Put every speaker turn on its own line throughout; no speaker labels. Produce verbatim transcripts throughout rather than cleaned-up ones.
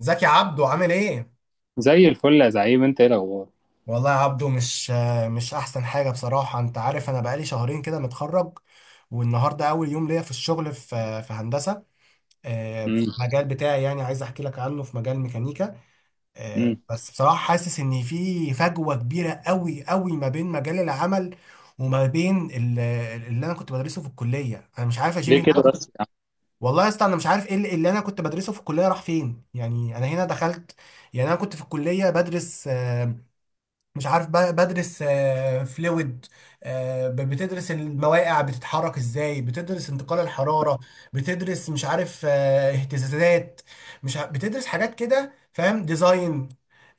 ازيك يا عبدو؟ عامل ايه؟
زي الفل يا زعيم، انت ايه الاخبار؟
والله يا عبدو مش مش احسن حاجة بصراحة. انت عارف، انا بقالي شهرين كده متخرج، والنهاردة اول يوم ليا في الشغل، في في هندسة، آه، في
امم.
المجال بتاعي. يعني عايز احكي لك عنه، في مجال ميكانيكا. آه،
امم.
بس بصراحة حاسس ان في فجوة كبيرة قوي قوي ما بين مجال العمل وما بين ال- اللي انا كنت بدرسه في الكلية. انا مش عارف يا جيمي،
ليه
اللي انا
كده
كنت-
بس؟
والله يا اسطى انا مش عارف ايه اللي اللي انا كنت بدرسه في الكلية راح فين. يعني انا هنا دخلت، يعني انا كنت في الكلية بدرس آه، مش عارف ب- بدرس فلويد، بتدرس المواقع بتتحرك ازاي، بتدرس انتقال الحرارة، بتدرس مش عارف آه، اهتزازات، مش ع- بتدرس حاجات كده فاهم، ديزاين،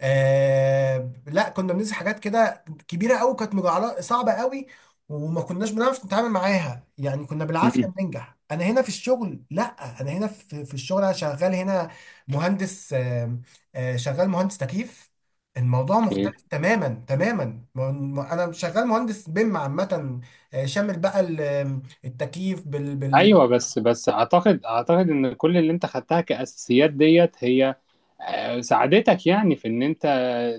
آه لا كنا بندرس حاجات كده كبيرة قوي، كانت مجعلة صعبة قوي وما كناش بنعرف نتعامل معاها. يعني كنا بالعافية
امم.
بننجح. انا هنا في الشغل لا، انا هنا في في الشغل، انا شغال هنا مهندس، آه، آه، شغال مهندس تكييف. الموضوع
اوكي.
مختلف تماما تماما. م- م- انا شغال مهندس بيم عامه، آه، شامل بقى ال- آم، التكييف بال بال.
ايوه، بس بس اعتقد اعتقد ان كل اللي انت خدتها كاساسيات ديت هي، آه، ساعدتك يعني في ان انت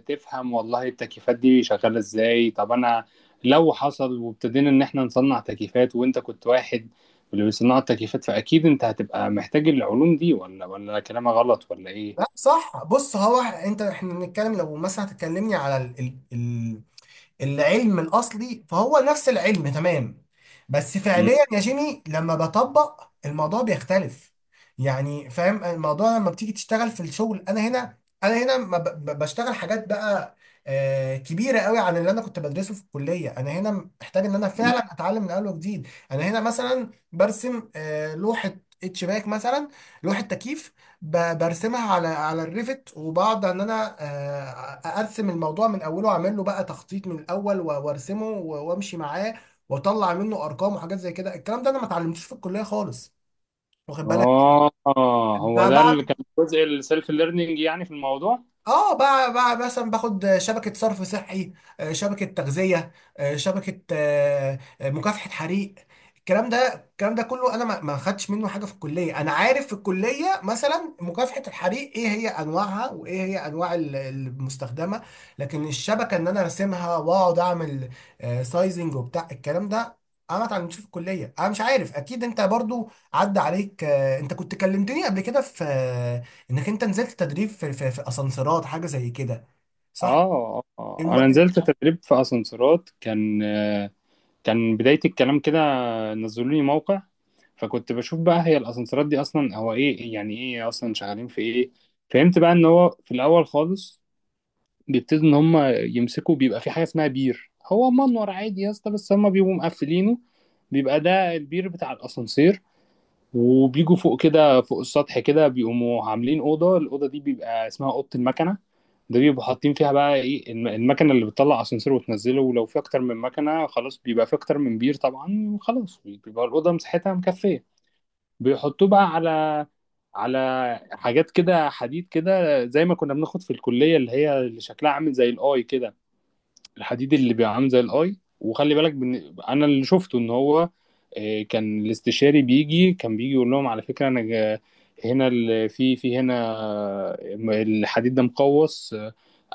تفهم والله التكييفات دي شغاله ازاي. طب انا لو حصل وابتدينا ان احنا نصنع تكييفات وانت كنت واحد من اللي بيصنعوا التكييفات، فاكيد انت هتبقى محتاج العلوم دي، ولا ولا كلامي غلط ولا ايه؟
لا صح، بص هو انت احنا بنتكلم، لو مثلا هتكلمني على العلم الاصلي فهو نفس العلم تمام، بس
مم.
فعليا يا جيمي لما بطبق الموضوع بيختلف. يعني فاهم الموضوع؟ لما بتيجي تشتغل في الشغل، انا هنا، انا هنا ما ب- ب- بشتغل حاجات بقى آه، كبيره قوي عن اللي انا كنت بدرسه في الكليه. انا هنا محتاج ان انا فعلا اتعلم من اول وجديد. انا هنا مثلا برسم آه، لوحه اتش باك مثلا، لوحه تكييف، ب- برسمها على على الريفت، وبقعد ان انا آه، ارسم الموضوع من اوله واعمل له بقى تخطيط من الاول و- وارسمه و- وامشي معاه واطلع منه ارقام وحاجات زي كده. الكلام ده انا ما اتعلمتوش في الكليه خالص، واخد بالك؟
اه.
ب-
هو ده
بعمل
اللي كان جزء السيلف ليرنينج يعني في الموضوع؟
اه بقى بقى مثلا باخد شبكة صرف صحي، آه، شبكة تغذية، آه، شبكة آه، آه، مكافحة حريق. الكلام ده الكلام ده كله انا ما ما خدتش منه حاجة في الكلية. انا عارف في الكلية مثلا مكافحة الحريق ايه هي انواعها، وايه هي انواع ال- المستخدمة، لكن الشبكة ان انا ارسمها واقعد اعمل آه، سايزنج وبتاع الكلام ده انا ما اتعلمتش في الكلية. انا مش عارف، اكيد انت برضو عدى عليك. آه، انت كنت كلمتني قبل كده في انك انت نزلت تدريب في في, في اسانسيرات حاجه زي كده، صح؟
اه آه.
الم...
انا نزلت تدريب في اسانسيرات، كان آه، كان بداية الكلام كده. نزلوا لي موقع، فكنت بشوف بقى هي الاسانسيرات دي اصلا هو ايه، يعني ايه اصلا شغالين في ايه. فهمت بقى ان هو في الاول خالص بيبتدوا ان هم يمسكوا، بيبقى في حاجة اسمها بير، هو منور عادي يا اسطى بس هم بيبقوا مقفلينه، بيبقى ده البير بتاع الاسانسير. وبيجوا فوق كده، فوق السطح كده، بيقوموا عاملين اوضه، الاوضه دي بيبقى اسمها اوضه المكنه. ده بيبقوا حاطين فيها بقى ايه، الم- المكنه اللي بتطلع اسانسير وتنزله، ولو في اكتر من مكنه خلاص بيبقى في اكتر من بير طبعا، وخلاص بيبقى الاوضه مساحتها مكفيه. بيحطوه بقى على على حاجات كده حديد كده، زي ما كنا بناخد في الكليه، اللي هي اللي شكلها عامل زي الاي كده، الحديد اللي بيبقى عامل زي الاي، وخلي بالك. بن... انا اللي شفته ان هو، آه، كان الاستشاري بيجي، كان بيجي يقول لهم على فكره، انا جا- هنا ال- في في هنا آه، الحديد ده مقوس،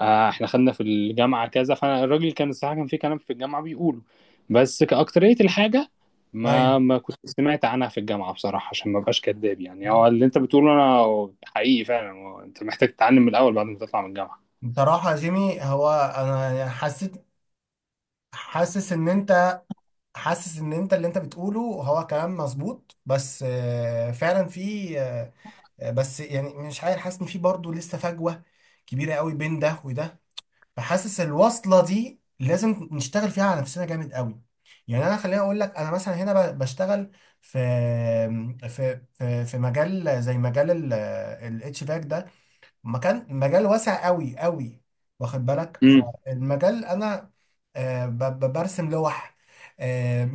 آه، احنا خدنا في الجامعه كذا. فالراجل كان الصراحه كان في كلام في الجامعه بيقوله، بس كأكترية الحاجه ما
ايوه،
ما كنت سمعت عنها في الجامعه بصراحه، عشان ما بقاش كداب. يعني هو اللي انت بتقوله انا حقيقي فعلا، هو انت محتاج تتعلم من الاول بعد ما تطلع من الجامعه.
بصراحه يا جيمي هو، انا حسيت حاسس ان انت حاسس ان انت اللي انت بتقوله هو كلام مظبوط، بس آه، فعلا في آه، آه، بس يعني مش عارف، حاسس ان في برضه لسه فجوه كبيره قوي بين ده وده، فحاسس الوصلة دي لازم نشتغل فيها على نفسنا جامد قوي. يعني انا خليني اقول لك، انا مثلا هنا ب- بشتغل في في في في مجال زي مجال الاتش باك ده، مكان مجال واسع قوي قوي، واخد بالك؟
امم.
فالمجال انا آه، ب- ب- برسم لوح، آه،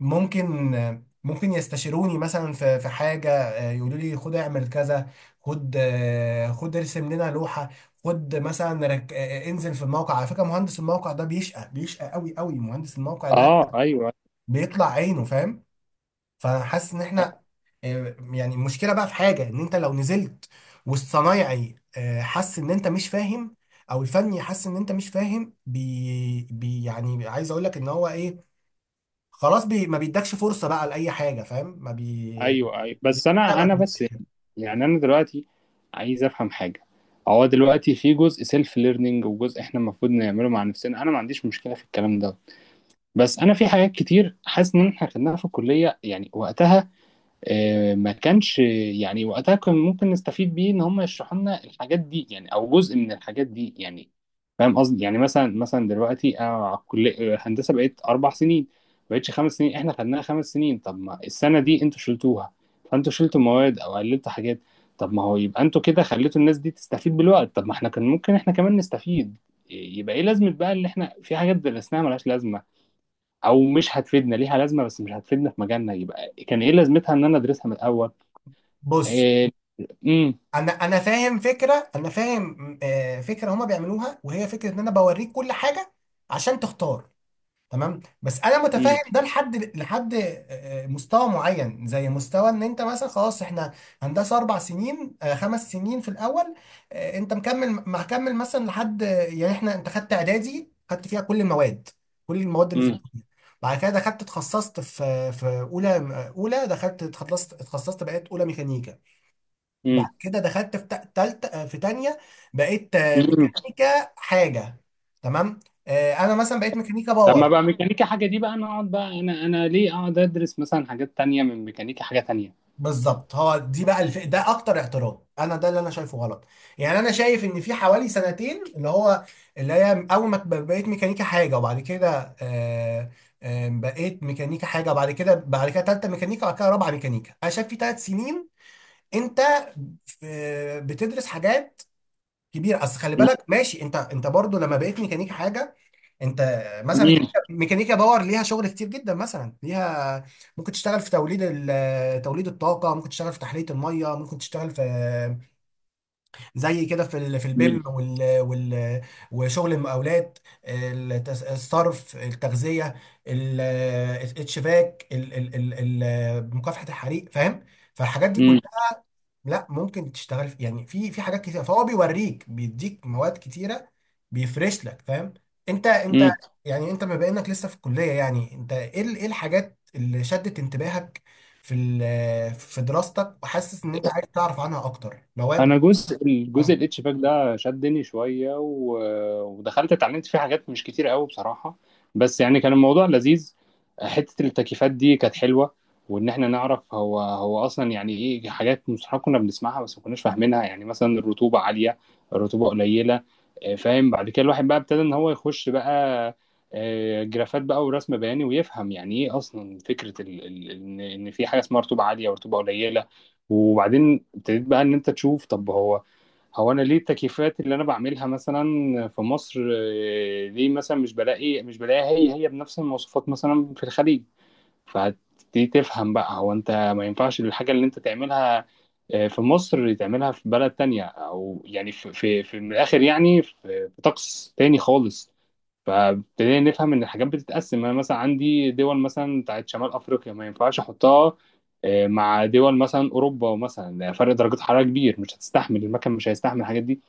ممكن آه، ممكن يستشيروني مثلا في في حاجه، آه، يقولوا لي خد اعمل كذا، خد آه، خد ارسم لنا لوحه، خد مثلا رك... آه، آه، انزل في الموقع. على فكره مهندس الموقع ده بيشقى بيشقى قوي قوي، مهندس الموقع ده
اه، ايوه،
بيطلع عينه فاهم. فحاسس ان احنا آه، يعني المشكله بقى في حاجه، ان انت لو نزلت والصنايعي آه، حس ان انت مش فاهم، او الفني حس ان انت مش فاهم بي, بي يعني عايز اقول لك ان هو ايه، خلاص بي ما بيدكش فرصه بقى لاي حاجه فاهم، ما بي
ايوه. ايوه، بس انا
بيكتبك
انا
من
بس
الآخر.
يعني، انا دلوقتي عايز افهم حاجه. هو دلوقتي في جزء سيلف ليرنينج وجزء احنا المفروض نعمله مع نفسنا، انا ما عنديش مشكله في الكلام ده، بس انا في حاجات كتير حاسس ان احنا خدناها في الكليه يعني وقتها، آه، ما كانش يعني وقتها كان ممكن نستفيد بيه ان هم يشرحوا لنا الحاجات دي يعني، او جزء من الحاجات دي يعني. فاهم قصدي؟ يعني مثلا مثلا دلوقتي انا على الكليه هندسه بقيت اربع سنين، ما بقتش خمس سنين، احنا خدناها خمس سنين. طب ما السنه دي انتوا شلتوها، فانتوا شلتوا مواد او قللتوا حاجات، طب ما هو يبقى انتوا كده خليتوا الناس دي تستفيد بالوقت، طب ما احنا كان ممكن احنا كمان نستفيد. آه، يبقى ايه لازمه بقى اللي احنا في حاجات درسناها ملهاش لازمه، او مش هتفيدنا ليها لازمه بس مش هتفيدنا في مجالنا، يبقى كان ايه لازمتها ان انا ادرسها من الاول؟
بص،
إيه... امم.
انا انا فاهم فكره، انا فاهم آه، فكره هما بيعملوها، وهي فكره ان انا بوريك كل حاجه عشان تختار، تمام. بس انا متفاهم
امم.
ده لحد لحد آه، آه، مستوى معين، زي مستوى ان انت مثلا خلاص احنا هندسه اربع سنين، آه، خمس سنين في الاول. آه، انت مكمل مكمل مثلا لحد، يعني احنا انت خدت اعدادي، خدت فيها كل المواد، كل المواد اللي في
امم.
الكليه. بعد كده دخلت اتخصصت في في اولى، اولى دخلت اتخصصت اتخصصت، بقيت اولى ميكانيكا. بعد
امم.
كده دخلت في تا- تالت آه، في تانية، بقيت آه،
امم.
ميكانيكا حاجه، تمام. آه، انا مثلا بقيت ميكانيكا
لما
باور.
بقى ميكانيكا حاجه دي بقى، انا اقعد بقى، انا انا ليه اقعد ادرس مثلا حاجات تانية من ميكانيكا حاجه تانية؟
بالظبط، هو دي بقى الف... ده اكتر اعتراض انا، ده اللي انا شايفه غلط. يعني انا شايف ان في حوالي سنتين، اللي هو اللي هي اول ما ب- بقيت ميكانيكا حاجه، وبعد كده آه آه بقيت ميكانيكا حاجه وبعد كده بعد كده تالته ميكانيكا، وبعد كده رابعه ميكانيكا. انا شايف في ثلاث سنين انت في بتدرس حاجات كبيره. اصل خلي
امم.
بالك، ماشي، انت انت برضو لما بقيت ميكانيكا حاجه، انت مثلا
امم.
ميكانيكا ميكانيكا باور ليها شغل كتير جدا، مثلا ليها ممكن تشتغل في توليد ال- توليد الطاقه، ممكن تشتغل في تحليه الميه، ممكن تشتغل في زي كده في ال- في البيم
امم.
وال وال وشغل المقاولات، التس- الصرف، التغذيه، ال- الشباك ال- ال- ال- ال- مكافحه الحريق، فاهم؟ فالحاجات دي
إمم.
لا، ممكن تشتغل في يعني في في حاجات كتيره، فهو بيوريك، بيديك مواد كتيره، بيفرش لك، فاهم؟ انت انت
إمم.
يعني انت بما انك لسه في الكليه، يعني انت ايه ال- ايه الحاجات اللي شدت انتباهك في ال- في دراستك، وحاسس ان انت عايز تعرف عنها اكتر مواد؟
انا جزء الجزء
اه،
الاتش باك ده شدني شويه، و- ودخلت اتعلمت فيه حاجات مش كتير قوي بصراحه، بس يعني كان الموضوع لذيذ. حته التكييفات دي كانت حلوه، وان احنا نعرف هو هو اصلا يعني ايه، حاجات مصطلحات كنا بنسمعها بس ما كناش فاهمينها، يعني مثلا الرطوبه عاليه، الرطوبه قليله، آه، فاهم. بعد كده الواحد بقى ابتدى ان هو يخش بقى آه، جرافات بقى ورسم بياني، ويفهم يعني ايه اصلا فكره ال- ال- ان إن في حاجه اسمها رطوبه عاليه ورطوبه قليله. وبعدين ابتديت بقى ان انت تشوف، طب هو هو انا ليه التكييفات اللي انا بعملها مثلا في مصر، آه، ليه مثلا مش بلاقي مش بلاقيها هي هي بنفس المواصفات مثلا في الخليج؟ فهتبتدي تفهم بقى، هو انت ما ينفعش الحاجة اللي انت تعملها آه، في مصر تعملها في بلد تانية، او يعني في في, في من الاخر، يعني في في طقس تاني خالص. فابتدينا نفهم ان الحاجات بتتقسم. انا مثلا عندي دول مثلا بتاعت شمال افريقيا ما ينفعش احطها آه، مع دول مثلا اوروبا مثلا، ده فرق درجات حراره كبير، مش هتستحمل المكن، مش هيستحمل الحاجات دي.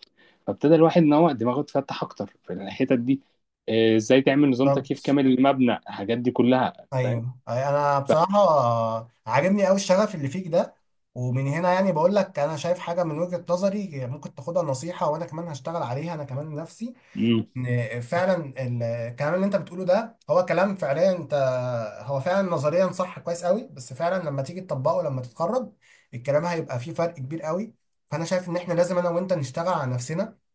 فابتدى الواحد ان هو دماغه تفتح اكتر في الحتت دي، آه، ازاي تعمل نظام تكييف
بالظبط.
كامل للمبنى، الحاجات دي كلها، فاهم.
ايوه، انا بصراحه عاجبني قوي الشغف اللي فيك ده، ومن هنا يعني بقول لك انا شايف حاجه من وجهه نظري ممكن تاخدها نصيحه، وانا كمان هشتغل عليها، انا كمان نفسي
امم.
ان فعلا الكلام اللي انت بتقوله ده هو كلام، فعليا انت هو فعلا نظريا صح كويس قوي، بس فعلا لما تيجي تطبقه لما تتخرج الكلام هيبقى فيه فرق كبير قوي. فانا شايف ان احنا لازم انا وانت نشتغل على نفسنا،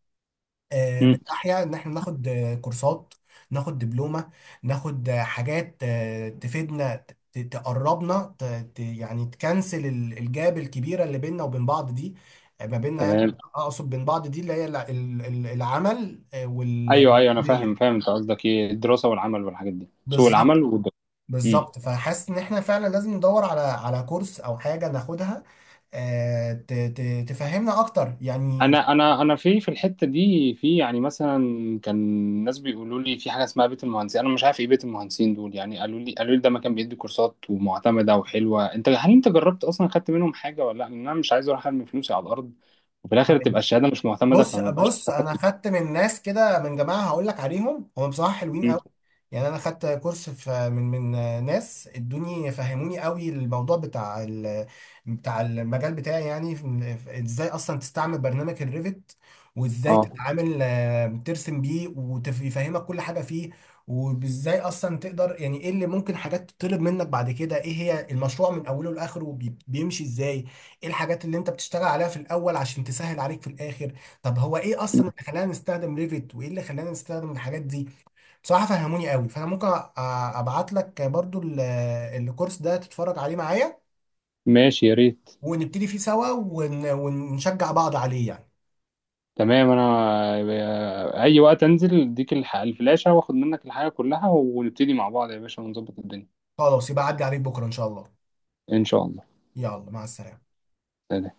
آه، من
امم.
ناحية إن إحنا ناخد آه، كورسات، ناخد دبلومة، ناخد آه، حاجات آه، تفيدنا، ت- ت- تقربنا، ت- ت- يعني تكنسل ال- الجاب الكبيرة اللي بيننا وبين بعض دي، آه، ما بيننا، يعني
تمام.
أقصد بين بعض دي اللي هي الع- ال- ال- العمل آه،
ايوه، ايوه، انا فاهم،
والكلية.
فاهم انت قصدك ايه، الدراسه والعمل والحاجات دي، سوق
بالظبط،
العمل والدراسه.
بالظبط، فحاسس إن إحنا فعلا لازم ندور على على كورس أو حاجة ناخدها آه، ت- ت- تفهمنا أكتر يعني.
انا انا انا في في الحته دي، في يعني مثلا، كان ناس بيقولوا لي في حاجه اسمها بيت المهندسين، انا مش عارف ايه بيت المهندسين دول يعني، قالوا لي قالوا لي ده مكان بيدي كورسات ومعتمده وحلوه. انت هل انت جربت اصلا خدت منهم حاجه ولا لا؟ لان انا مش عايز اروح ارمي فلوسي على الارض وفي الاخر تبقى الشهاده مش معتمده
بص
فما بقاش.
بص، انا خدت من ناس كده من جماعه هقول لك عليهم، هم بصراحه حلوين
مم.
قوي. يعني انا خدت كورس في من من ناس ادوني، فهموني قوي الموضوع بتاع ال بتاع المجال بتاعي، يعني في- في- ازاي اصلا تستعمل برنامج الريفت، وازاي
اه،
تتعامل آه، ترسم بيه، ويفهمك كل حاجه فيه، وازاي اصلا تقدر يعني ايه اللي ممكن حاجات تطلب منك بعد كده، ايه هي المشروع من اوله لاخره بي- بيمشي ازاي، ايه الحاجات اللي انت بتشتغل عليها في الاول عشان تسهل عليك في الاخر، طب هو ايه اصلا اللي خلانا نستخدم ريفت وايه اللي خلانا نستخدم الحاجات دي. بصراحه فهموني قوي. فانا ممكن أ- ابعت لك برضو ال- الكورس ده تتفرج عليه معايا
ماشي يا ريت.
ونبتدي فيه سوا، ون- ونشجع بعض عليه يعني.
تمام، انا اي وقت انزل اديك الح- الفلاشه واخد منك الحاجه كلها، ونبتدي مع بعض يا باشا ونظبط الدنيا.
خلاص، يبقى عدي عليك بكره ان شاء الله.
ان شاء
يلا مع السلامه.
الله.